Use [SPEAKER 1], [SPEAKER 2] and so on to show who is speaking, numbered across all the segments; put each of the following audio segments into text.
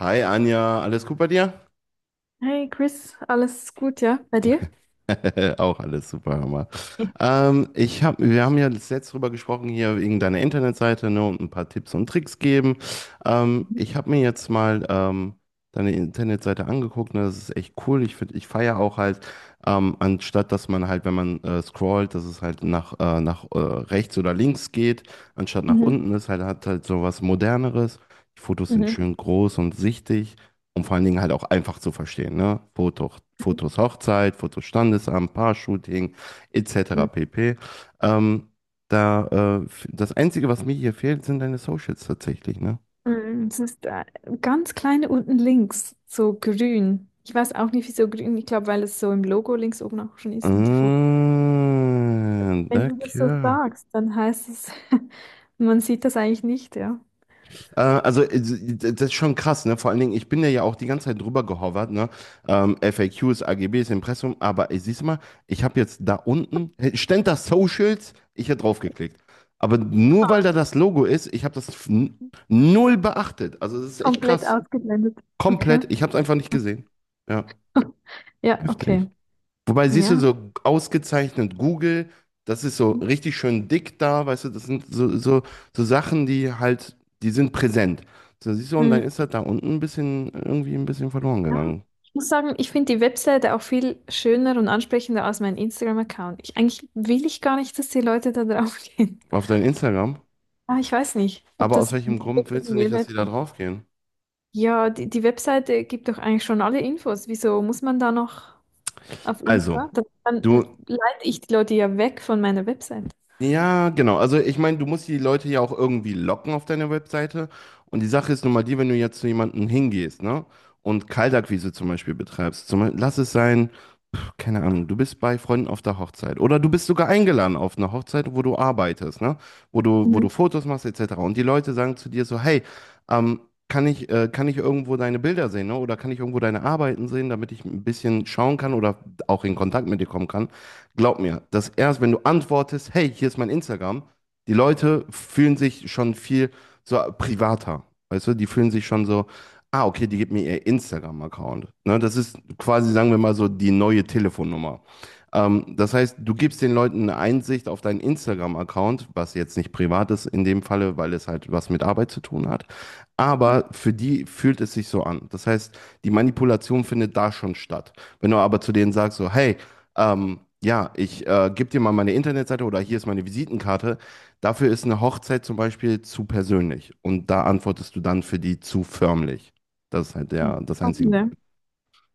[SPEAKER 1] Hi Anja, alles gut bei dir?
[SPEAKER 2] Hey Chris, alles gut, ja? Bei dir?
[SPEAKER 1] Auch alles super, Hammer.
[SPEAKER 2] Ja.
[SPEAKER 1] Wir haben ja letzt drüber gesprochen, hier wegen deiner Internetseite, ne, und ein paar Tipps und Tricks geben. Ich habe mir jetzt mal deine Internetseite angeguckt, ne, das ist echt cool. Ich finde, ich feiere auch halt, anstatt dass man halt, wenn man scrollt, dass es halt nach, rechts oder links geht, anstatt nach
[SPEAKER 2] Mhm.
[SPEAKER 1] unten ist, halt hat halt so was Moderneres. Die Fotos sind
[SPEAKER 2] Mhm.
[SPEAKER 1] schön groß und sichtig. Und vor allen Dingen halt auch einfach zu verstehen, ne? Fotos Hochzeit, Fotos Standesamt, Paar-Shooting, etc.
[SPEAKER 2] Mhm.
[SPEAKER 1] pp. Ähm, da, äh, das Einzige, was mir hier fehlt, sind deine Socials tatsächlich, ne?
[SPEAKER 2] Mm, es ist ganz kleine unten links, so grün. Ich weiß auch nicht, wieso grün. Ich glaube, weil es so im Logo links oben auch schon
[SPEAKER 1] Ah,
[SPEAKER 2] ist und die Fotos. Wenn du das so
[SPEAKER 1] danke.
[SPEAKER 2] sagst, dann heißt es, man sieht das eigentlich nicht, ja?
[SPEAKER 1] Also, das ist schon krass, ne? Vor allen Dingen, ich bin da ja auch die ganze Zeit drüber gehovert, ne? FAQs, AGBs, Impressum, aber ey, siehst du mal, ich habe jetzt da unten, hey, stand da Socials, ich hätte draufgeklickt. Aber nur weil
[SPEAKER 2] Ah,
[SPEAKER 1] da das Logo ist, ich habe das null beachtet. Also, das ist echt
[SPEAKER 2] komplett
[SPEAKER 1] krass.
[SPEAKER 2] ausgeblendet. Okay.
[SPEAKER 1] Komplett, ich habe es einfach nicht gesehen. Ja,
[SPEAKER 2] Ja, okay.
[SPEAKER 1] heftig. Wobei, siehst du,
[SPEAKER 2] Ja.
[SPEAKER 1] so ausgezeichnet Google, das ist so richtig schön dick da, weißt du, das sind so Sachen, die halt, die sind präsent. So, siehst du, und dann
[SPEAKER 2] Mhm.
[SPEAKER 1] ist das da unten ein bisschen, irgendwie ein bisschen verloren
[SPEAKER 2] Ja,
[SPEAKER 1] gegangen.
[SPEAKER 2] ich muss sagen, ich finde die Webseite auch viel schöner und ansprechender als mein Instagram-Account. Ich, eigentlich will ich gar nicht, dass die Leute da drauf gehen.
[SPEAKER 1] Auf dein Instagram.
[SPEAKER 2] Aber ich weiß nicht, ob
[SPEAKER 1] Aber aus
[SPEAKER 2] das
[SPEAKER 1] welchem Grund
[SPEAKER 2] wirklich
[SPEAKER 1] willst
[SPEAKER 2] einen
[SPEAKER 1] du nicht, dass
[SPEAKER 2] Mehrwert
[SPEAKER 1] die da
[SPEAKER 2] gibt.
[SPEAKER 1] drauf gehen?
[SPEAKER 2] Ja, die Webseite gibt doch eigentlich schon alle Infos. Wieso muss man da noch auf
[SPEAKER 1] Also,
[SPEAKER 2] Insta? Das- Dann
[SPEAKER 1] du
[SPEAKER 2] leite ich die Leute ja weg von meiner Webseite.
[SPEAKER 1] Ja, genau. Also ich meine, du musst die Leute ja auch irgendwie locken auf deiner Webseite. Und die Sache ist nun mal die, wenn du jetzt zu jemandem hingehst, ne? Und Kaltakquise zum Beispiel betreibst. Zum Beispiel, lass es sein, keine Ahnung, du bist bei Freunden auf der Hochzeit. Oder du bist sogar eingeladen auf eine Hochzeit, wo du arbeitest, ne? Wo du
[SPEAKER 2] Mhm.
[SPEAKER 1] Fotos machst, etc. Und die Leute sagen zu dir so, hey, ähm, kann ich irgendwo deine Bilder sehen, ne? Oder kann ich irgendwo deine Arbeiten sehen, damit ich ein bisschen schauen kann oder auch in Kontakt mit dir kommen kann? Glaub mir, dass erst, wenn du antwortest, hey, hier ist mein Instagram, die Leute fühlen sich schon viel so privater. Weißt du, die fühlen sich schon so, ah, okay, die gibt mir ihr Instagram-Account. Ne, das ist quasi, sagen wir mal so, die neue Telefonnummer. Das heißt, du gibst den Leuten eine Einsicht auf deinen Instagram-Account, was jetzt nicht privat ist in dem Falle, weil es halt was mit Arbeit zu tun hat. Aber für die fühlt es sich so an. Das heißt, die Manipulation findet da schon statt. Wenn du aber zu denen sagst, so, hey, ja, ich gebe dir mal meine Internetseite oder hier ist meine Visitenkarte. Dafür ist eine Hochzeit zum Beispiel zu persönlich. Und da antwortest du dann für die zu förmlich. Das ist halt das einzige
[SPEAKER 2] Spannend,
[SPEAKER 1] Problem.
[SPEAKER 2] ne?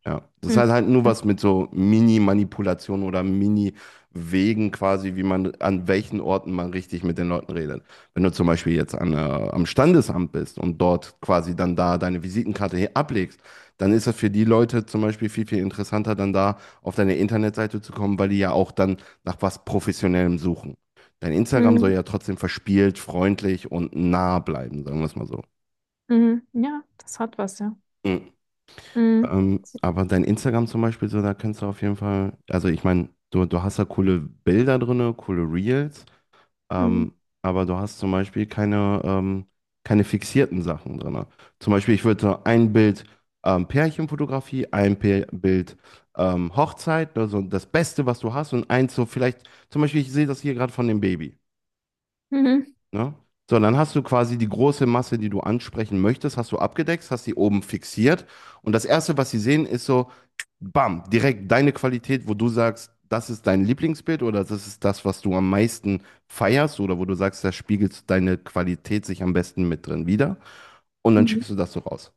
[SPEAKER 1] Ja, das
[SPEAKER 2] Mhm.
[SPEAKER 1] hat halt nur was mit so Mini-Manipulationen oder Mini-Wegen quasi, wie man, an welchen Orten man richtig mit den Leuten redet. Wenn du zum Beispiel jetzt am Standesamt bist und dort quasi dann da deine Visitenkarte ablegst, dann ist das für die Leute zum Beispiel viel, viel interessanter, dann da auf deine Internetseite zu kommen, weil die ja auch dann nach was Professionellem suchen. Dein Instagram soll
[SPEAKER 2] Mhm.
[SPEAKER 1] ja trotzdem verspielt, freundlich und nah bleiben, sagen wir es mal so.
[SPEAKER 2] Mhm. Ja, das hat was, ja.
[SPEAKER 1] Mhm.
[SPEAKER 2] Mhm.
[SPEAKER 1] Aber dein Instagram zum Beispiel, so, da kannst du auf jeden Fall, also ich meine, du hast da coole Bilder drinne, coole Reels,
[SPEAKER 2] Mhm.
[SPEAKER 1] ähm, aber du hast zum Beispiel keine fixierten Sachen drinne. Zum Beispiel, ich würde so ein Bild Pärchenfotografie, ein Pär Bild Hochzeit, also das Beste, was du hast, und eins so vielleicht, zum Beispiel, ich sehe das hier gerade von dem Baby.
[SPEAKER 2] Mhm.
[SPEAKER 1] Ne? So, dann hast du quasi die große Masse, die du ansprechen möchtest, hast du abgedeckt, hast die oben fixiert. Und das Erste, was sie sehen, ist so, bam, direkt deine Qualität, wo du sagst, das ist dein Lieblingsbild oder das ist das, was du am meisten feierst oder wo du sagst, da spiegelt deine Qualität sich am besten mit drin wider. Und dann schickst du das so raus.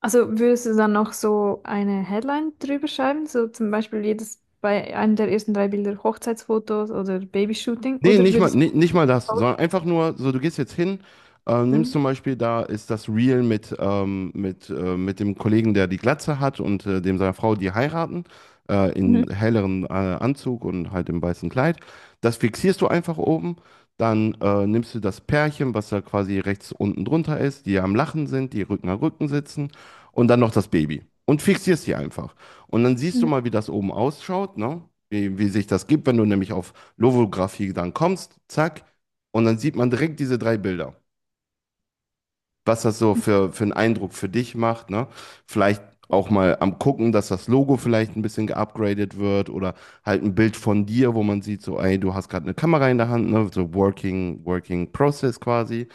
[SPEAKER 2] Also würdest du dann noch so eine Headline drüber schreiben? So zum Beispiel jedes bei einem der ersten drei Bilder Hochzeitsfotos oder Babyshooting? Oder würdest
[SPEAKER 1] Nee, nicht mal das, sondern einfach nur, so du gehst jetzt hin,
[SPEAKER 2] du.
[SPEAKER 1] nimmst
[SPEAKER 2] Mhm.
[SPEAKER 1] zum Beispiel, da ist das Reel mit dem Kollegen, der die Glatze hat und dem seiner Frau, die heiraten, in
[SPEAKER 2] Mhm.
[SPEAKER 1] helleren Anzug und halt im weißen Kleid. Das fixierst du einfach oben, dann nimmst du das Pärchen, was da quasi rechts unten drunter ist, die am Lachen sind, die Rücken an Rücken sitzen und dann noch das Baby und fixierst sie einfach. Und dann siehst du
[SPEAKER 2] Mhm.
[SPEAKER 1] mal, wie das oben ausschaut, ne? Wie sich das gibt, wenn du nämlich auf Lovographie dann kommst, zack, und dann sieht man direkt diese drei Bilder. Was das so für einen Eindruck für dich macht, ne? Vielleicht auch mal am gucken, dass das Logo vielleicht ein bisschen geupgradet wird oder halt ein Bild von dir, wo man sieht, so, ey, du hast gerade eine Kamera in der Hand, ne? So Working, Working Process quasi.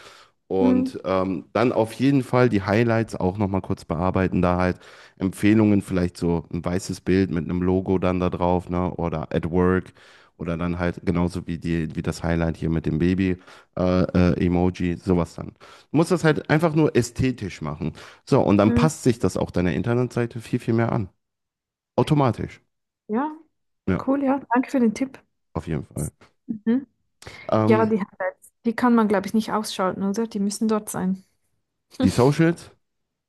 [SPEAKER 2] Mhm.
[SPEAKER 1] Und dann auf jeden Fall die Highlights auch nochmal kurz bearbeiten, da halt Empfehlungen, vielleicht so ein weißes Bild mit einem Logo dann da drauf, ne? Oder at work. Oder dann halt genauso wie die, wie das Highlight hier mit dem Baby äh, Emoji, sowas dann. Du musst das halt einfach nur ästhetisch machen. So, und dann
[SPEAKER 2] Mhm.
[SPEAKER 1] passt sich das auch deiner Internetseite viel, viel mehr an. Automatisch.
[SPEAKER 2] Ja,
[SPEAKER 1] Ja,
[SPEAKER 2] cool, ja. Danke für den Tipp.
[SPEAKER 1] auf jeden Fall.
[SPEAKER 2] Mhm. Ja,
[SPEAKER 1] Ähm,
[SPEAKER 2] die Highlights, die kann man, glaube ich, nicht ausschalten, oder? Die müssen dort sein.
[SPEAKER 1] die Socials,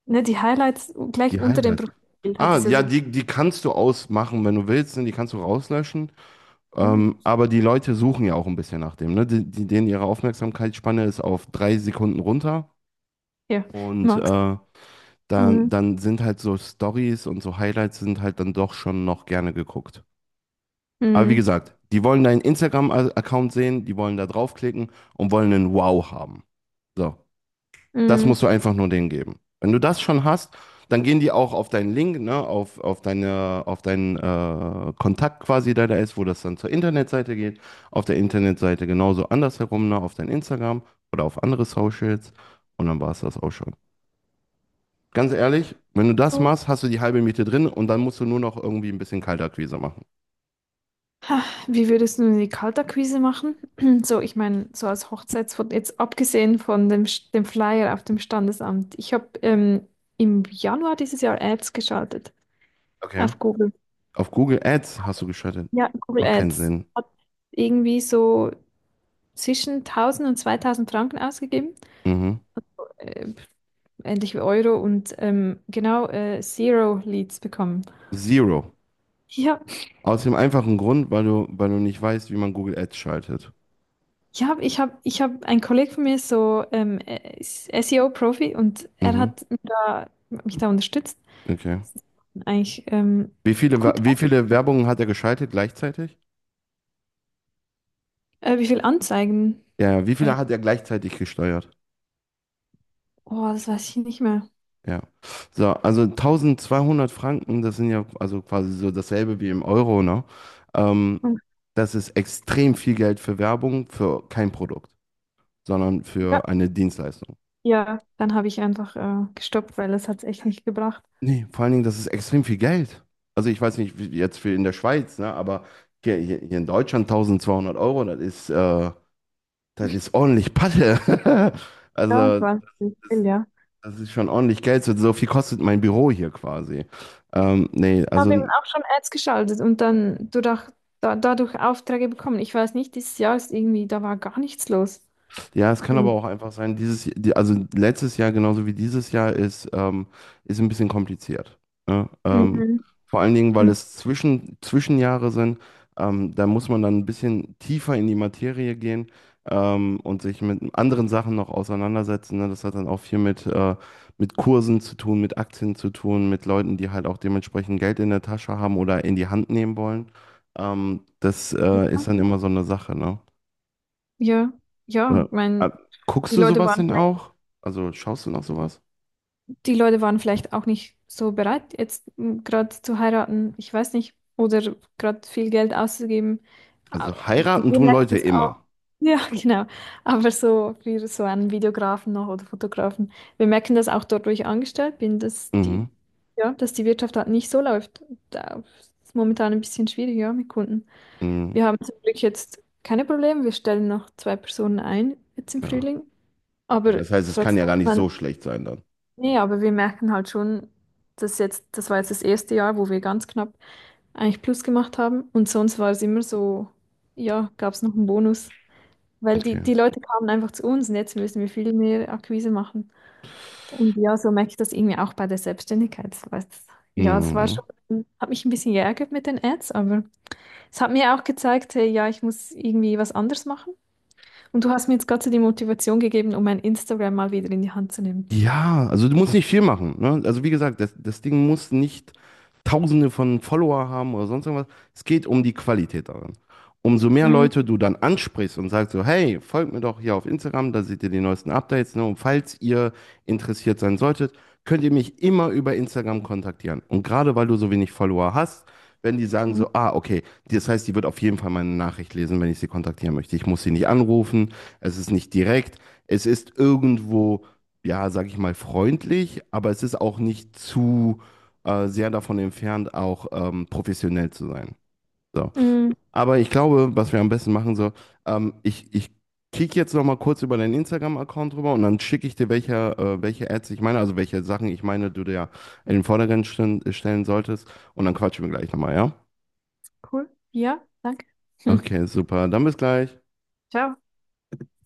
[SPEAKER 2] Ne, die Highlights gleich
[SPEAKER 1] die
[SPEAKER 2] unter dem
[SPEAKER 1] Highlights.
[SPEAKER 2] Profilbild hat
[SPEAKER 1] Ah,
[SPEAKER 2] es ja
[SPEAKER 1] ja,
[SPEAKER 2] so.
[SPEAKER 1] die kannst du ausmachen, wenn du willst, ne? Die kannst du rauslöschen.
[SPEAKER 2] Mhm.
[SPEAKER 1] Aber die Leute suchen ja auch ein bisschen nach dem, ne? Denen ihre Aufmerksamkeitsspanne ist auf 3 Sekunden runter
[SPEAKER 2] Ja,
[SPEAKER 1] und
[SPEAKER 2] Max.
[SPEAKER 1] dann,
[SPEAKER 2] Mhm.
[SPEAKER 1] dann sind halt so Stories und so Highlights sind halt dann doch schon noch gerne geguckt. Aber wie
[SPEAKER 2] Mhm.
[SPEAKER 1] gesagt, die wollen deinen Instagram-Account sehen, die wollen da draufklicken und wollen einen Wow haben. So. Das
[SPEAKER 2] Mhm.
[SPEAKER 1] musst du einfach nur denen geben. Wenn du das schon hast, dann gehen die auch auf deinen Link, ne, auf deinen Kontakt quasi, der da ist, wo das dann zur Internetseite geht. Auf der Internetseite genauso andersherum, ne, auf dein Instagram oder auf andere Socials. Und dann war es das auch schon. Ganz ehrlich, wenn du das machst, hast du die halbe Miete drin und dann musst du nur noch irgendwie ein bisschen Kaltakquise machen.
[SPEAKER 2] Ha, wie würdest du die Kaltakquise machen? So, ich meine, so als Hochzeitsfoto, jetzt abgesehen von dem, Sch- dem Flyer auf dem Standesamt. Ich habe im Januar dieses Jahr Ads geschaltet
[SPEAKER 1] Okay.
[SPEAKER 2] auf Google.
[SPEAKER 1] Auf Google Ads hast du geschaltet.
[SPEAKER 2] Ja, Google
[SPEAKER 1] Macht keinen
[SPEAKER 2] Ads.
[SPEAKER 1] Sinn.
[SPEAKER 2] Hat irgendwie so zwischen 1000 und 2000 Franken ausgegeben,
[SPEAKER 1] Mhm.
[SPEAKER 2] äh, ähnlich wie Euro und genau Zero Leads bekommen.
[SPEAKER 1] Zero.
[SPEAKER 2] Ja,
[SPEAKER 1] Aus dem einfachen Grund, weil du nicht weißt, wie man Google Ads schaltet.
[SPEAKER 2] ich habe, ein Kollege von mir ist so ist SEO-Profi und er
[SPEAKER 1] Mhm,
[SPEAKER 2] hat mich da unterstützt.
[SPEAKER 1] okay.
[SPEAKER 2] Eigentlich
[SPEAKER 1] Wie viele, Wa-
[SPEAKER 2] gut.
[SPEAKER 1] wie viele Werbungen hat er geschaltet gleichzeitig?
[SPEAKER 2] Wie viel Anzeigen?
[SPEAKER 1] Ja, ja, wie
[SPEAKER 2] Äh,
[SPEAKER 1] viele hat er gleichzeitig gesteuert?
[SPEAKER 2] oh, das weiß ich nicht mehr.
[SPEAKER 1] Ja. So, also 1200 Franken, das sind ja also quasi so dasselbe wie im Euro, ne? Ähm,
[SPEAKER 2] Und,
[SPEAKER 1] Das ist extrem viel Geld für Werbung, für kein Produkt, sondern
[SPEAKER 2] ja,
[SPEAKER 1] für eine Dienstleistung.
[SPEAKER 2] ja, dann habe ich einfach gestoppt, weil es hat echt nicht gebracht.
[SPEAKER 1] Nee, vor allen Dingen, das ist extrem viel Geld. Also ich weiß nicht, wie jetzt für in der Schweiz, ne? Aber hier in Deutschland 1200 Euro, das ist ordentlich Patte.
[SPEAKER 2] Ja, es
[SPEAKER 1] Also.
[SPEAKER 2] war nicht viel, ja.
[SPEAKER 1] Das ist schon ordentlich Geld. So so viel kostet mein Büro hier quasi. Nee,
[SPEAKER 2] Ich
[SPEAKER 1] also.
[SPEAKER 2] habe eben auch schon Ads geschaltet und dann dadurch, dadurch Aufträge bekommen. Ich weiß nicht, dieses Jahr ist irgendwie, da war gar nichts los.
[SPEAKER 1] Ja, es kann
[SPEAKER 2] Mhm.
[SPEAKER 1] aber auch einfach sein, also letztes Jahr genauso wie dieses Jahr ist ein bisschen kompliziert. Ne?
[SPEAKER 2] Mhm.
[SPEAKER 1] Vor allen Dingen, weil es Zwischenjahre sind, da muss man dann ein bisschen tiefer in die Materie gehen und sich mit anderen Sachen noch auseinandersetzen. Ne? Das hat dann auch viel mit Kursen zu tun, mit Aktien zu tun, mit Leuten, die halt auch dementsprechend Geld in der Tasche haben oder in die Hand nehmen wollen. Das
[SPEAKER 2] Ja,
[SPEAKER 1] ist dann immer so eine Sache, ne?
[SPEAKER 2] ja,
[SPEAKER 1] Äh,
[SPEAKER 2] ja,
[SPEAKER 1] äh,
[SPEAKER 2] mein,
[SPEAKER 1] guckst
[SPEAKER 2] die
[SPEAKER 1] du
[SPEAKER 2] Leute
[SPEAKER 1] sowas
[SPEAKER 2] waren
[SPEAKER 1] denn
[SPEAKER 2] vielleicht,
[SPEAKER 1] auch? Also schaust du noch sowas?
[SPEAKER 2] die Leute waren vielleicht auch nicht so bereit, jetzt gerade zu heiraten, ich weiß nicht, oder gerade viel Geld auszugeben. Ah,
[SPEAKER 1] Also
[SPEAKER 2] ich
[SPEAKER 1] heiraten tun
[SPEAKER 2] merke
[SPEAKER 1] Leute
[SPEAKER 2] das auch.
[SPEAKER 1] immer.
[SPEAKER 2] Ja, genau. Aber so für so einen Videografen noch oder Fotografen. Wir merken das auch dort, wo ich angestellt bin, dass
[SPEAKER 1] Mhm.
[SPEAKER 2] die, ja, dass die Wirtschaft halt nicht so läuft. Da ist momentan ein bisschen schwierig, ja, mit Kunden.
[SPEAKER 1] Mhm.
[SPEAKER 2] Wir haben zum Glück jetzt keine Probleme. Wir stellen noch zwei Personen ein, jetzt im
[SPEAKER 1] Ja.
[SPEAKER 2] Frühling.
[SPEAKER 1] Okay.
[SPEAKER 2] Aber
[SPEAKER 1] Das heißt, es kann ja
[SPEAKER 2] trotzdem,
[SPEAKER 1] gar nicht
[SPEAKER 2] man,
[SPEAKER 1] so schlecht sein dann.
[SPEAKER 2] nee, aber wir merken halt schon, dass jetzt, das war jetzt das erste Jahr, wo wir ganz knapp eigentlich Plus gemacht haben. Und sonst war es immer so, ja, gab es noch einen Bonus. Weil
[SPEAKER 1] Okay.
[SPEAKER 2] die Leute kamen einfach zu uns und jetzt müssen wir viel mehr Akquise machen. Und ja, so merke ich das irgendwie auch bei der Selbstständigkeit. Das war jetzt- ja, das war
[SPEAKER 1] Mhm.
[SPEAKER 2] schon, hat mich ein bisschen geärgert mit den Ads, aber es hat mir auch gezeigt, hey, ja, ich muss irgendwie was anderes machen. Und du hast mir jetzt gerade so die Motivation gegeben, um mein Instagram mal wieder in die Hand zu nehmen.
[SPEAKER 1] Ja, also du musst nicht viel machen. Ne? Also wie gesagt, das Ding muss nicht Tausende von Follower haben oder sonst irgendwas. Es geht um die Qualität daran. Umso mehr
[SPEAKER 2] Mhm.
[SPEAKER 1] Leute du dann ansprichst und sagst so, hey, folgt mir doch hier auf Instagram, da seht ihr die neuesten Updates. Ne? Und falls ihr interessiert sein solltet, könnt ihr mich immer über Instagram kontaktieren. Und gerade weil du so wenig Follower hast, werden die sagen so, ah, okay, das heißt, die wird auf jeden Fall meine Nachricht lesen, wenn ich sie kontaktieren möchte. Ich muss sie nicht anrufen, es ist nicht direkt, es ist irgendwo ja, sag ich mal, freundlich, aber es ist auch nicht zu sehr davon entfernt, auch professionell zu sein. So.
[SPEAKER 2] Mhm.
[SPEAKER 1] Aber ich glaube, was wir am besten machen sollen, ich kicke jetzt noch mal kurz über deinen Instagram-Account rüber und dann schicke ich dir, welche Ads ich meine, also welche Sachen ich meine, du dir ja in den Vordergrund stellen solltest. Und dann quatschen wir gleich nochmal, ja?
[SPEAKER 2] Cool. Ja, danke.
[SPEAKER 1] Okay, super. Dann bis gleich.
[SPEAKER 2] Ciao.